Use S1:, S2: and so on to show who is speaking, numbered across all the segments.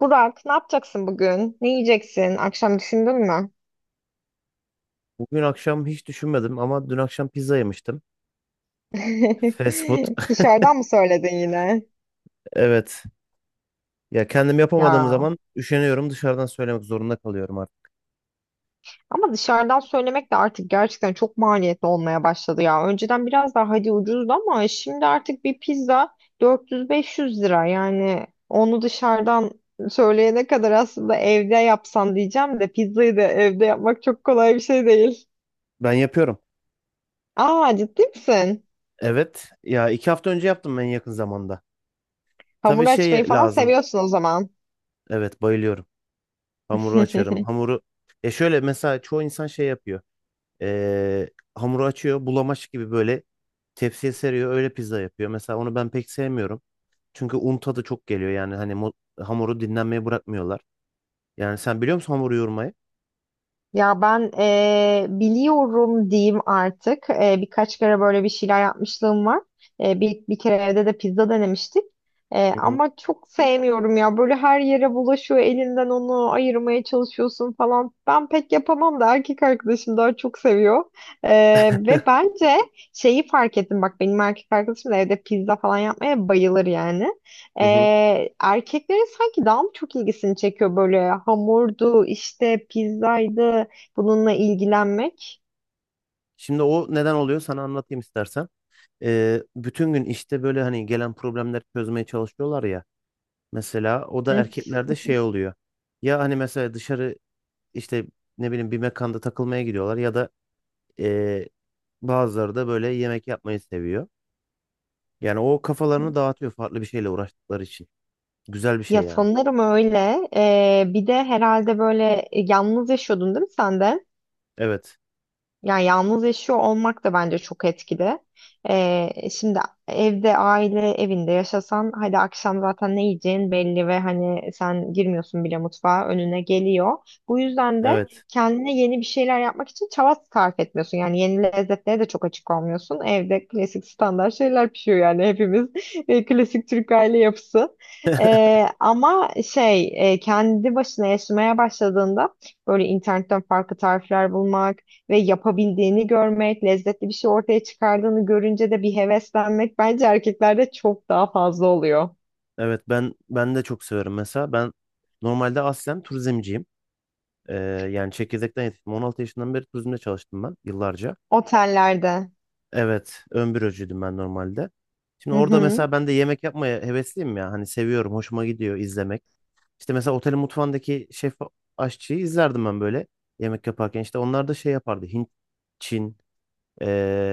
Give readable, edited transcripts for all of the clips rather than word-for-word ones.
S1: Burak, ne yapacaksın bugün? Ne yiyeceksin? Akşam düşündün mü?
S2: Bugün akşam hiç düşünmedim ama dün akşam pizza yemiştim. Fast food.
S1: Dışarıdan mı söyledin yine?
S2: Evet. Ya kendim yapamadığım
S1: Ya.
S2: zaman üşeniyorum, dışarıdan söylemek zorunda kalıyorum artık.
S1: Ama dışarıdan söylemek de artık gerçekten çok maliyetli olmaya başladı ya. Önceden biraz daha hadi ucuzdu ama şimdi artık bir pizza 400-500 lira. Yani onu dışarıdan söyleyene kadar aslında evde yapsan diyeceğim de pizzayı da evde yapmak çok kolay bir şey değil.
S2: Ben yapıyorum.
S1: Aa ciddi misin?
S2: Evet. Ya 2 hafta önce yaptım en yakın zamanda. Tabii
S1: Hamur açmayı
S2: şey
S1: falan
S2: lazım.
S1: seviyorsun o zaman.
S2: Evet, bayılıyorum. Hamuru açarım. Hamuru ya şöyle, mesela çoğu insan şey yapıyor. Ee, hamuru açıyor. Bulamaç gibi böyle tepsiye seriyor. Öyle pizza yapıyor. Mesela onu ben pek sevmiyorum. Çünkü un tadı çok geliyor. Yani hani hamuru dinlenmeye bırakmıyorlar. Yani sen biliyor musun hamuru yoğurmayı?
S1: Ya ben biliyorum diyeyim artık. Birkaç kere böyle bir şeyler yapmışlığım var. Bir kere evde de pizza denemiştik.
S2: Hı hı.
S1: Ama çok sevmiyorum ya. Böyle her yere bulaşıyor. Elinden onu ayırmaya çalışıyorsun falan. Ben pek yapamam da erkek arkadaşım daha çok seviyor. Ve bence şeyi fark ettim. Bak benim erkek arkadaşım da evde pizza falan yapmaya bayılır yani.
S2: Hı hı.
S1: Erkeklerin sanki daha mı çok ilgisini çekiyor böyle hamurdu işte pizzaydı bununla ilgilenmek.
S2: Şimdi o neden oluyor, sana anlatayım istersen. Bütün gün işte böyle hani gelen problemleri çözmeye çalışıyorlar ya. Mesela o da
S1: Hı.
S2: erkeklerde şey oluyor. Ya hani mesela dışarı işte ne bileyim bir mekanda takılmaya gidiyorlar ya da ee, bazıları da böyle yemek yapmayı seviyor. Yani o kafalarını dağıtıyor, farklı bir şeyle uğraştıkları için. Güzel bir şey
S1: Ya
S2: yani.
S1: sanırım öyle. Bir de herhalde böyle yalnız yaşıyordun değil mi sen de?
S2: Evet.
S1: Yani yalnız yaşıyor olmak da bence çok etkili. Şimdi evde aile evinde yaşasan hadi akşam zaten ne yiyeceğin belli ve hani sen girmiyorsun bile mutfağa önüne geliyor. Bu yüzden de
S2: Evet.
S1: kendine yeni bir şeyler yapmak için çaba sarf etmiyorsun. Yani yeni lezzetlere de çok açık olmuyorsun. Evde klasik standart şeyler pişiyor yani hepimiz. Klasik Türk aile yapısı. Ama şey kendi başına yaşamaya başladığında böyle internetten farklı tarifler bulmak ve yapabildiğini görmek, lezzetli bir şey ortaya çıkardığını görünce de bir heveslenmek bence erkeklerde çok daha fazla oluyor.
S2: Evet, ben de çok severim mesela. Ben normalde aslen turizmciyim. Ee, yani çekirdekten yetiştim. 16 yaşından beri turizmde çalıştım ben yıllarca.
S1: Otellerde.
S2: Evet, ön bürocuydum ben normalde. Şimdi
S1: Hı
S2: orada
S1: hı.
S2: mesela ben de yemek yapmaya hevesliyim ya. Hani seviyorum, hoşuma gidiyor izlemek. İşte mesela otelin mutfağındaki şef aşçıyı izlerdim ben böyle yemek yaparken. İşte onlar da şey yapardı. Hint, Çin,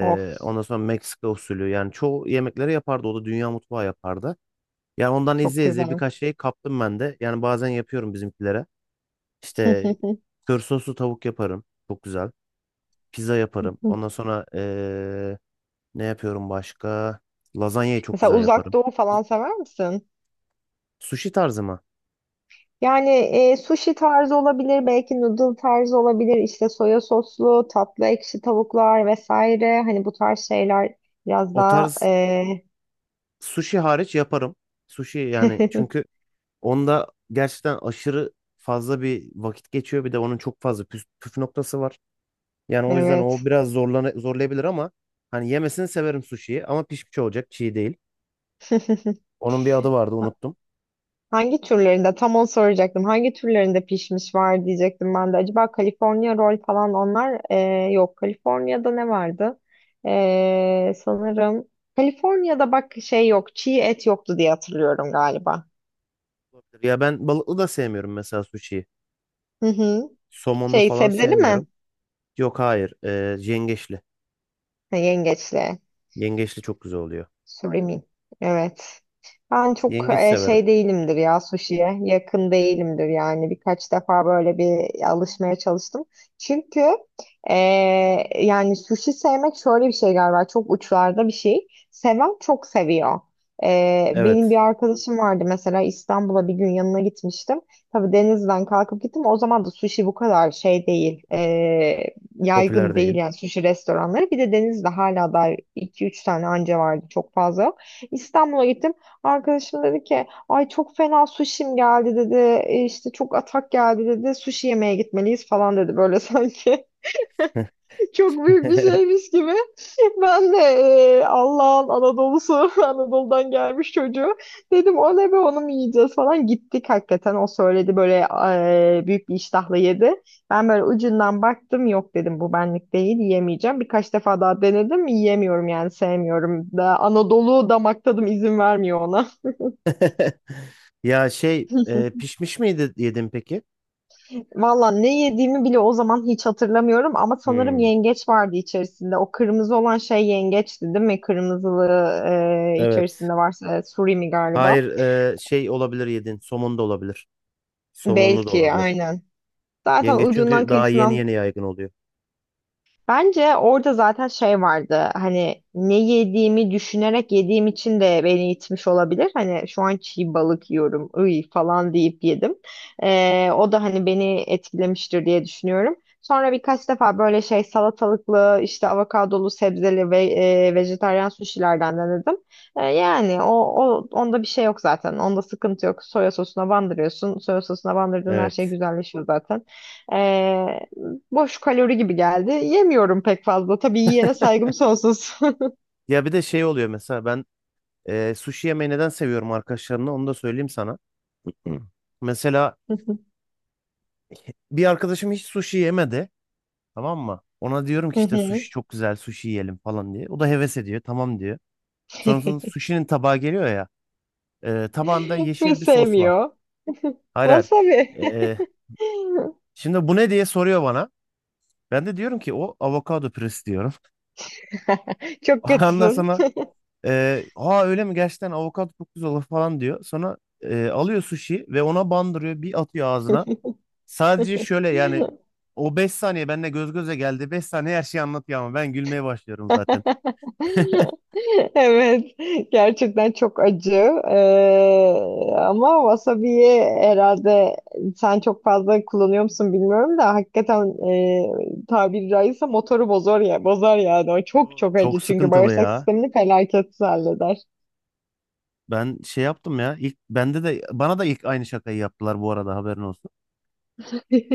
S1: Of,
S2: ondan sonra Meksika usulü. Yani çoğu yemekleri yapardı. O da dünya mutfağı yapardı. Yani ondan
S1: çok
S2: izleye izleye
S1: güzel.
S2: birkaç şey kaptım ben de. Yani bazen yapıyorum bizimkilere. İşte kör soslu tavuk yaparım. Çok güzel. Pizza yaparım. Ondan sonra ne yapıyorum başka? Lazanyayı çok
S1: Mesela
S2: güzel
S1: Uzak
S2: yaparım.
S1: Doğu falan sever misin?
S2: Sushi tarzı mı?
S1: Yani sushi tarzı olabilir, belki noodle tarzı olabilir, işte soya soslu, tatlı ekşi tavuklar vesaire. Hani bu tarz şeyler biraz
S2: O
S1: daha
S2: tarz sushi hariç yaparım. Sushi yani, çünkü onda gerçekten aşırı fazla bir vakit geçiyor. Bir de onun çok fazla püf noktası var. Yani o yüzden o
S1: evet.
S2: biraz zorlayabilir ama hani yemesini severim sushi'yi ama pişmiş olacak, çiğ değil. Onun bir adı vardı, unuttum.
S1: Hangi türlerinde? Tam onu soracaktım. Hangi türlerinde pişmiş var diyecektim ben de. Acaba California roll falan onlar yok. California'da ne vardı? Sanırım California'da bak şey yok. Çiğ et yoktu diye hatırlıyorum galiba.
S2: Olabilir. Ya ben balıklı da sevmiyorum mesela suşiyi.
S1: Hı hı.
S2: Somonlu
S1: Şey
S2: falan
S1: sebzeli mi?
S2: sevmiyorum. Yok, hayır. Yengeçli.
S1: Ha, yengeçli.
S2: Yengeçli çok güzel oluyor.
S1: Surimi. Evet. Ben çok
S2: Yengeç severim.
S1: şey değilimdir ya sushi'ye. Yakın değilimdir yani. Birkaç defa böyle bir alışmaya çalıştım. Çünkü e, yani sushi sevmek şöyle bir şey galiba. Çok uçlarda bir şey. Seven çok seviyor. Benim bir
S2: Evet.
S1: arkadaşım vardı mesela İstanbul'a bir gün yanına gitmiştim. Tabii denizden kalkıp gittim. O zaman da sushi bu kadar şey değil.
S2: Popüler
S1: Yaygın değil
S2: değil.
S1: yani sushi restoranları. Bir de Denizli'de hala da iki üç tane anca vardı çok fazla yok. İstanbul'a gittim. Arkadaşım dedi ki ay çok fena sushi'm geldi dedi. İşte çok atak geldi dedi. Sushi yemeye gitmeliyiz falan dedi böyle sanki. Çok büyük bir şeymiş gibi. Ben de Allah'ın Anadolu'su, Anadolu'dan gelmiş çocuğu. Dedim o ne be onu mu yiyeceğiz falan. Gittik hakikaten o söyledi böyle büyük bir iştahla yedi. Ben böyle ucundan baktım yok dedim bu benlik değil yiyemeyeceğim. Birkaç defa daha denedim yiyemiyorum yani sevmiyorum. Da, Anadolu damak tadım izin vermiyor ona.
S2: Ya şey pişmiş miydi yedin peki?
S1: Valla ne yediğimi bile o zaman hiç hatırlamıyorum ama sanırım
S2: Hmm,
S1: yengeç vardı içerisinde. O kırmızı olan şey yengeçti değil mi? Kırmızılı
S2: evet.
S1: içerisinde varsa surimi
S2: Hayır,
S1: galiba.
S2: şey olabilir yedin. Somon da olabilir. Somonlu da
S1: Belki
S2: olabilir.
S1: aynen. Zaten
S2: Yengeç
S1: ucundan
S2: çünkü daha yeni
S1: kıyısından
S2: yeni yaygın oluyor.
S1: bence orada zaten şey vardı hani ne yediğimi düşünerek yediğim için de beni itmiş olabilir. Hani şu an çiğ balık yiyorum ıy falan deyip yedim. O da hani beni etkilemiştir diye düşünüyorum. Sonra birkaç defa böyle şey salatalıklı işte avokadolu sebzeli ve vejetaryen suşilerden denedim. Yani o onda bir şey yok zaten. Onda sıkıntı yok. Soya sosuna bandırıyorsun. Soya sosuna bandırdığın her şey
S2: Evet.
S1: güzelleşiyor zaten. Ee, Boş kalori gibi geldi. Yemiyorum pek fazla. Tabii yiyene saygım sonsuz.
S2: Ya bir de şey oluyor mesela ben sushi yemeği neden seviyorum arkadaşlarımla, onu da söyleyeyim sana. Hı. Mesela bir arkadaşım hiç sushi yemedi. Tamam mı? Ona diyorum ki işte sushi çok güzel, sushi yiyelim falan diye. O da heves ediyor. Tamam diyor. Sonrasında sushi'nin tabağı geliyor ya. E, tabağında
S1: Ve
S2: yeşil bir sos var.
S1: sevmiyor.
S2: Hayır, hayır.
S1: Wasabi.
S2: E, şimdi bu ne diye soruyor bana. Ben de diyorum ki o avokado püresi diyorum.
S1: Çok
S2: Ondan
S1: kötüsün.
S2: sonra aa, öyle mi, gerçekten avokado çok güzel olur falan diyor. Sonra alıyor sushi ve ona bandırıyor. Bir atıyor ağzına. Sadece şöyle yani o 5 saniye benimle göz göze geldi. 5 saniye her şeyi anlatıyor ama ben gülmeye başlıyorum zaten.
S1: Evet. Gerçekten çok acı. Ee, Ama wasabi'yi herhalde sen çok fazla kullanıyor musun bilmiyorum da hakikaten tabiri caizse motoru bozar ya, bozar yani. O çok
S2: Yo,
S1: çok
S2: çok
S1: acı çünkü
S2: sıkıntılı
S1: bağırsak
S2: ya.
S1: sistemini felaket halleder.
S2: Ben şey yaptım ya. İlk bende de bana da ilk aynı şakayı yaptılar bu arada, haberin olsun.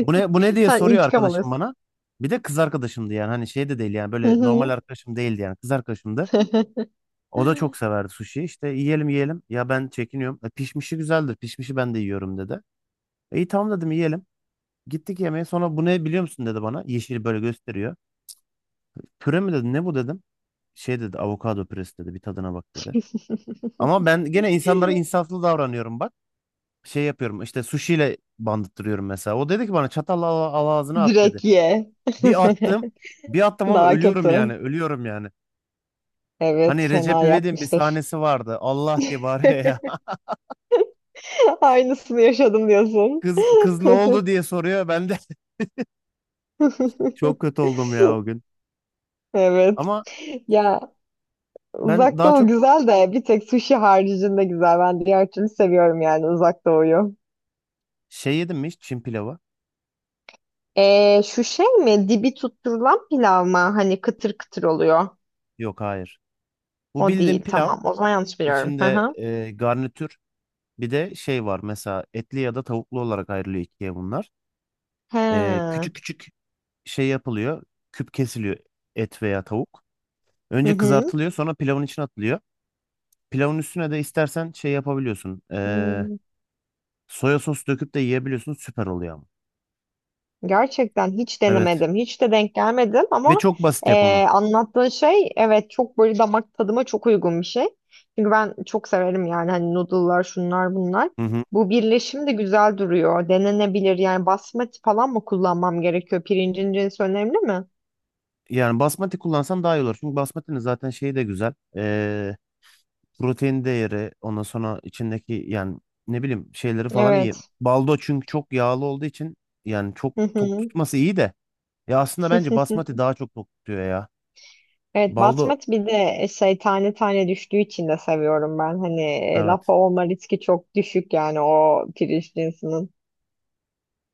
S2: Bu ne diye
S1: Sen
S2: soruyor
S1: intikam
S2: arkadaşım
S1: alıyorsun.
S2: bana. Bir de kız arkadaşımdı yani hani şey de değil yani
S1: Hı
S2: böyle normal
S1: hı.
S2: arkadaşım değildi yani kız arkadaşımdı. O da çok severdi sushi. İşte yiyelim. Ya ben çekiniyorum. E, pişmişi güzeldir. Pişmişi ben de yiyorum dedi. E, iyi tamam dedim, yiyelim. Gittik yemeğe. Sonra bu ne biliyor musun dedi bana. Yeşil böyle gösteriyor. Püre mi dedi? Ne bu dedim. Şey dedi, avokado püresi dedi. Bir tadına bak dedi. Ama ben gene insanlara insaflı davranıyorum bak. Şey yapıyorum işte sushiyle bandıttırıyorum mesela. O dedi ki bana çatalla al, al ağzına at dedi.
S1: Direkt ye.
S2: Bir attım. Bir attım ama
S1: Daha
S2: ölüyorum yani.
S1: kötü.
S2: Ölüyorum yani.
S1: Evet,
S2: Hani Recep
S1: fena
S2: İvedik'in bir
S1: yakmıştır.
S2: sahnesi vardı. Allah diye bağırıyor ya.
S1: Aynısını yaşadım diyorsun.
S2: Kız ne oldu diye soruyor. Ben de çok kötü oldum ya o gün.
S1: Evet.
S2: Ama
S1: Ya
S2: ben
S1: uzak
S2: daha
S1: doğu
S2: çok
S1: güzel de bir tek sushi haricinde güzel. Ben diğer türlü seviyorum yani uzak doğuyu.
S2: şey yedim mi hiç Çin pilavı?
S1: Şu şey mi? Dibi tutturulan pilav mı? Hani kıtır kıtır oluyor.
S2: Yok, hayır. Bu
S1: O
S2: bildiğim
S1: değil.
S2: pilav.
S1: Tamam. O zaman yanlış biliyorum. Hı
S2: İçinde
S1: hı.
S2: garnitür. Bir de şey var mesela etli ya da tavuklu olarak ayrılıyor ikiye bunlar.
S1: He.
S2: Küçük küçük şey yapılıyor. Küp kesiliyor et veya tavuk.
S1: Hı
S2: Önce
S1: hı.
S2: kızartılıyor, sonra pilavın içine atılıyor. Pilavın üstüne de istersen şey yapabiliyorsun.
S1: Hmm,
S2: Soya sos döküp de yiyebiliyorsun, süper oluyor ama.
S1: gerçekten hiç
S2: Evet
S1: denemedim. Hiç de denk gelmedim
S2: ve
S1: ama
S2: çok basit yapımı.
S1: anlattığın şey evet çok böyle damak tadıma çok uygun bir şey. Çünkü ben çok severim yani hani noodle'lar şunlar bunlar.
S2: Hı hı.
S1: Bu birleşim de güzel duruyor. Denenebilir yani basmati falan mı kullanmam gerekiyor? Pirincin cinsi önemli mi?
S2: Yani basmati kullansan daha iyi olur. Çünkü basmatinin zaten şeyi de güzel. Protein değeri, ondan sonra içindeki yani ne bileyim şeyleri falan iyi.
S1: Evet.
S2: Baldo çünkü çok yağlı olduğu için yani çok
S1: Hı
S2: tok
S1: hı.
S2: tutması iyi de. Ya aslında bence basmati daha çok tok tutuyor ya.
S1: Evet
S2: Baldo
S1: basmati bir de şey tane tane düştüğü için de seviyorum ben. Hani lapa
S2: evet.
S1: olma riski çok düşük yani o pirinç cinsinin.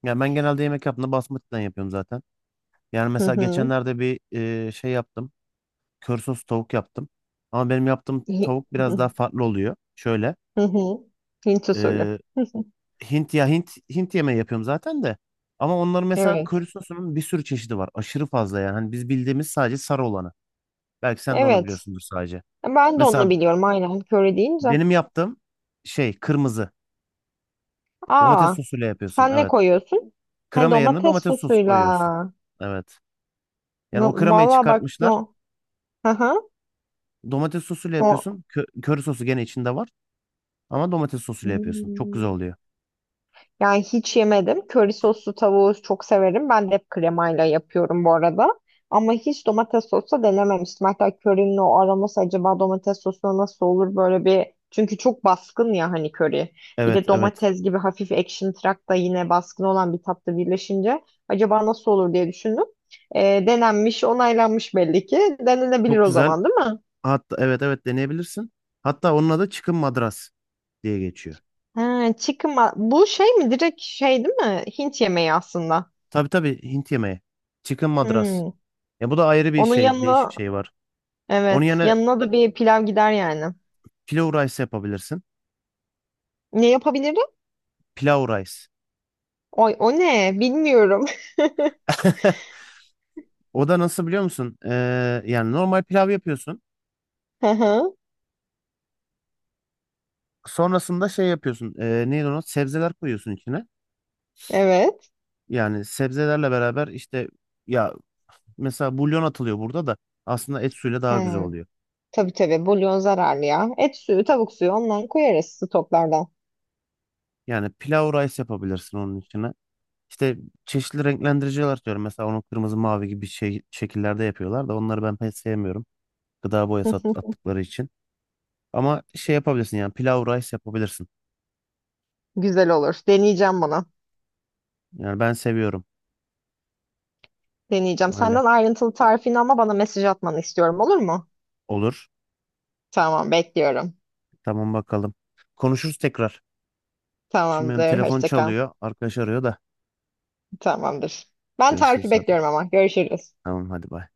S2: Ya ben genelde yemek yaptığımda basmatiden yapıyorum zaten. Yani
S1: Hı
S2: mesela
S1: hı.
S2: geçenlerde bir şey yaptım. Kör sos tavuk yaptım. Ama benim yaptığım
S1: Hi-
S2: tavuk biraz daha farklı oluyor.
S1: Hı hı. Hint usulü.
S2: Şöyle.
S1: Hı hı.
S2: Hint ya Hint yemeği yapıyorum zaten de. Ama onların mesela köri
S1: Evet.
S2: sosunun bir sürü çeşidi var. Aşırı fazla yani. Hani biz bildiğimiz sadece sarı olanı. Belki sen de onu
S1: Evet.
S2: biliyorsundur sadece.
S1: Ben de onu
S2: Mesela
S1: biliyorum aynen. Köri deyince.
S2: benim yaptığım şey kırmızı. Domates
S1: Aa,
S2: sosuyla yapıyorsun.
S1: sen ne
S2: Evet.
S1: koyuyorsun? Ha,
S2: Krema yerine
S1: domates
S2: domates sosu
S1: sosuyla.
S2: koyuyorsun. Evet. Yani
S1: No,
S2: o kremayı
S1: valla bak
S2: çıkartmışlar.
S1: no. Hı hı.
S2: Domates sosuyla
S1: O.
S2: yapıyorsun. Köri sosu gene içinde var. Ama domates sosuyla yapıyorsun. Çok güzel oluyor.
S1: Yani hiç yemedim. Köri soslu tavuğu çok severim. Ben de hep kremayla yapıyorum bu arada. Ama hiç domates sosu denememiştim. Hatta körinin o aroması acaba domates sosuna nasıl olur böyle bir... Çünkü çok baskın ya hani köri. Bir
S2: Evet,
S1: de
S2: evet.
S1: domates gibi hafif ekşimtırak da yine baskın olan bir tatlı birleşince acaba nasıl olur diye düşündüm. Denenmiş, onaylanmış belli ki. Denenebilir
S2: Çok
S1: o
S2: güzel.
S1: zaman değil mi?
S2: Hatta evet, evet deneyebilirsin. Hatta onun adı çıkın madras diye geçiyor.
S1: Ha, chicken bu şey mi? Direkt şey değil mi? Hint yemeği aslında.
S2: Tabii, tabii Hint yemeği. Chicken madras.
S1: Hmm.
S2: Ya bu da ayrı bir
S1: Onun
S2: şey, değişik
S1: yanına
S2: şey var. Onun
S1: evet.
S2: yerine
S1: Yanına da bir pilav gider yani.
S2: pilau rice yapabilirsin.
S1: Ne yapabilirim?
S2: Pilau rice.
S1: Oy, o ne? Bilmiyorum.
S2: O da nasıl biliyor musun? Yani normal pilav yapıyorsun.
S1: Hı hı,
S2: Sonrasında şey yapıyorsun. Neydi onu? Sebzeler koyuyorsun içine.
S1: evet.
S2: Yani sebzelerle beraber işte ya mesela bulyon atılıyor, burada da aslında et suyuyla daha güzel
S1: Hı.
S2: oluyor.
S1: Tabii tabii. Bulyon zararlı ya. Et suyu, tavuk suyu ondan koyarız stoklardan.
S2: Yani pilau rice yapabilirsin onun içine. İşte çeşitli renklendiriciler atıyorum. Mesela onu kırmızı mavi gibi şey, şekillerde yapıyorlar da onları ben pek sevmiyorum. Gıda boyası attıkları için. Ama şey yapabilirsin yani pilav rice yapabilirsin.
S1: Güzel olur. Deneyeceğim bunu.
S2: Yani ben seviyorum
S1: Deneyeceğim.
S2: öyle.
S1: Senden ayrıntılı tarifini ama bana mesaj atmanı istiyorum olur mu?
S2: Olur.
S1: Tamam bekliyorum.
S2: Tamam, bakalım. Konuşuruz tekrar. Şimdi benim
S1: Tamamdır.
S2: telefon
S1: Hoşça kal.
S2: çalıyor. Arkadaş arıyor da.
S1: Tamamdır. Ben
S2: Görüşürüz
S1: tarifi
S2: hadi.
S1: bekliyorum ama. Görüşürüz.
S2: Tamam, hadi bay.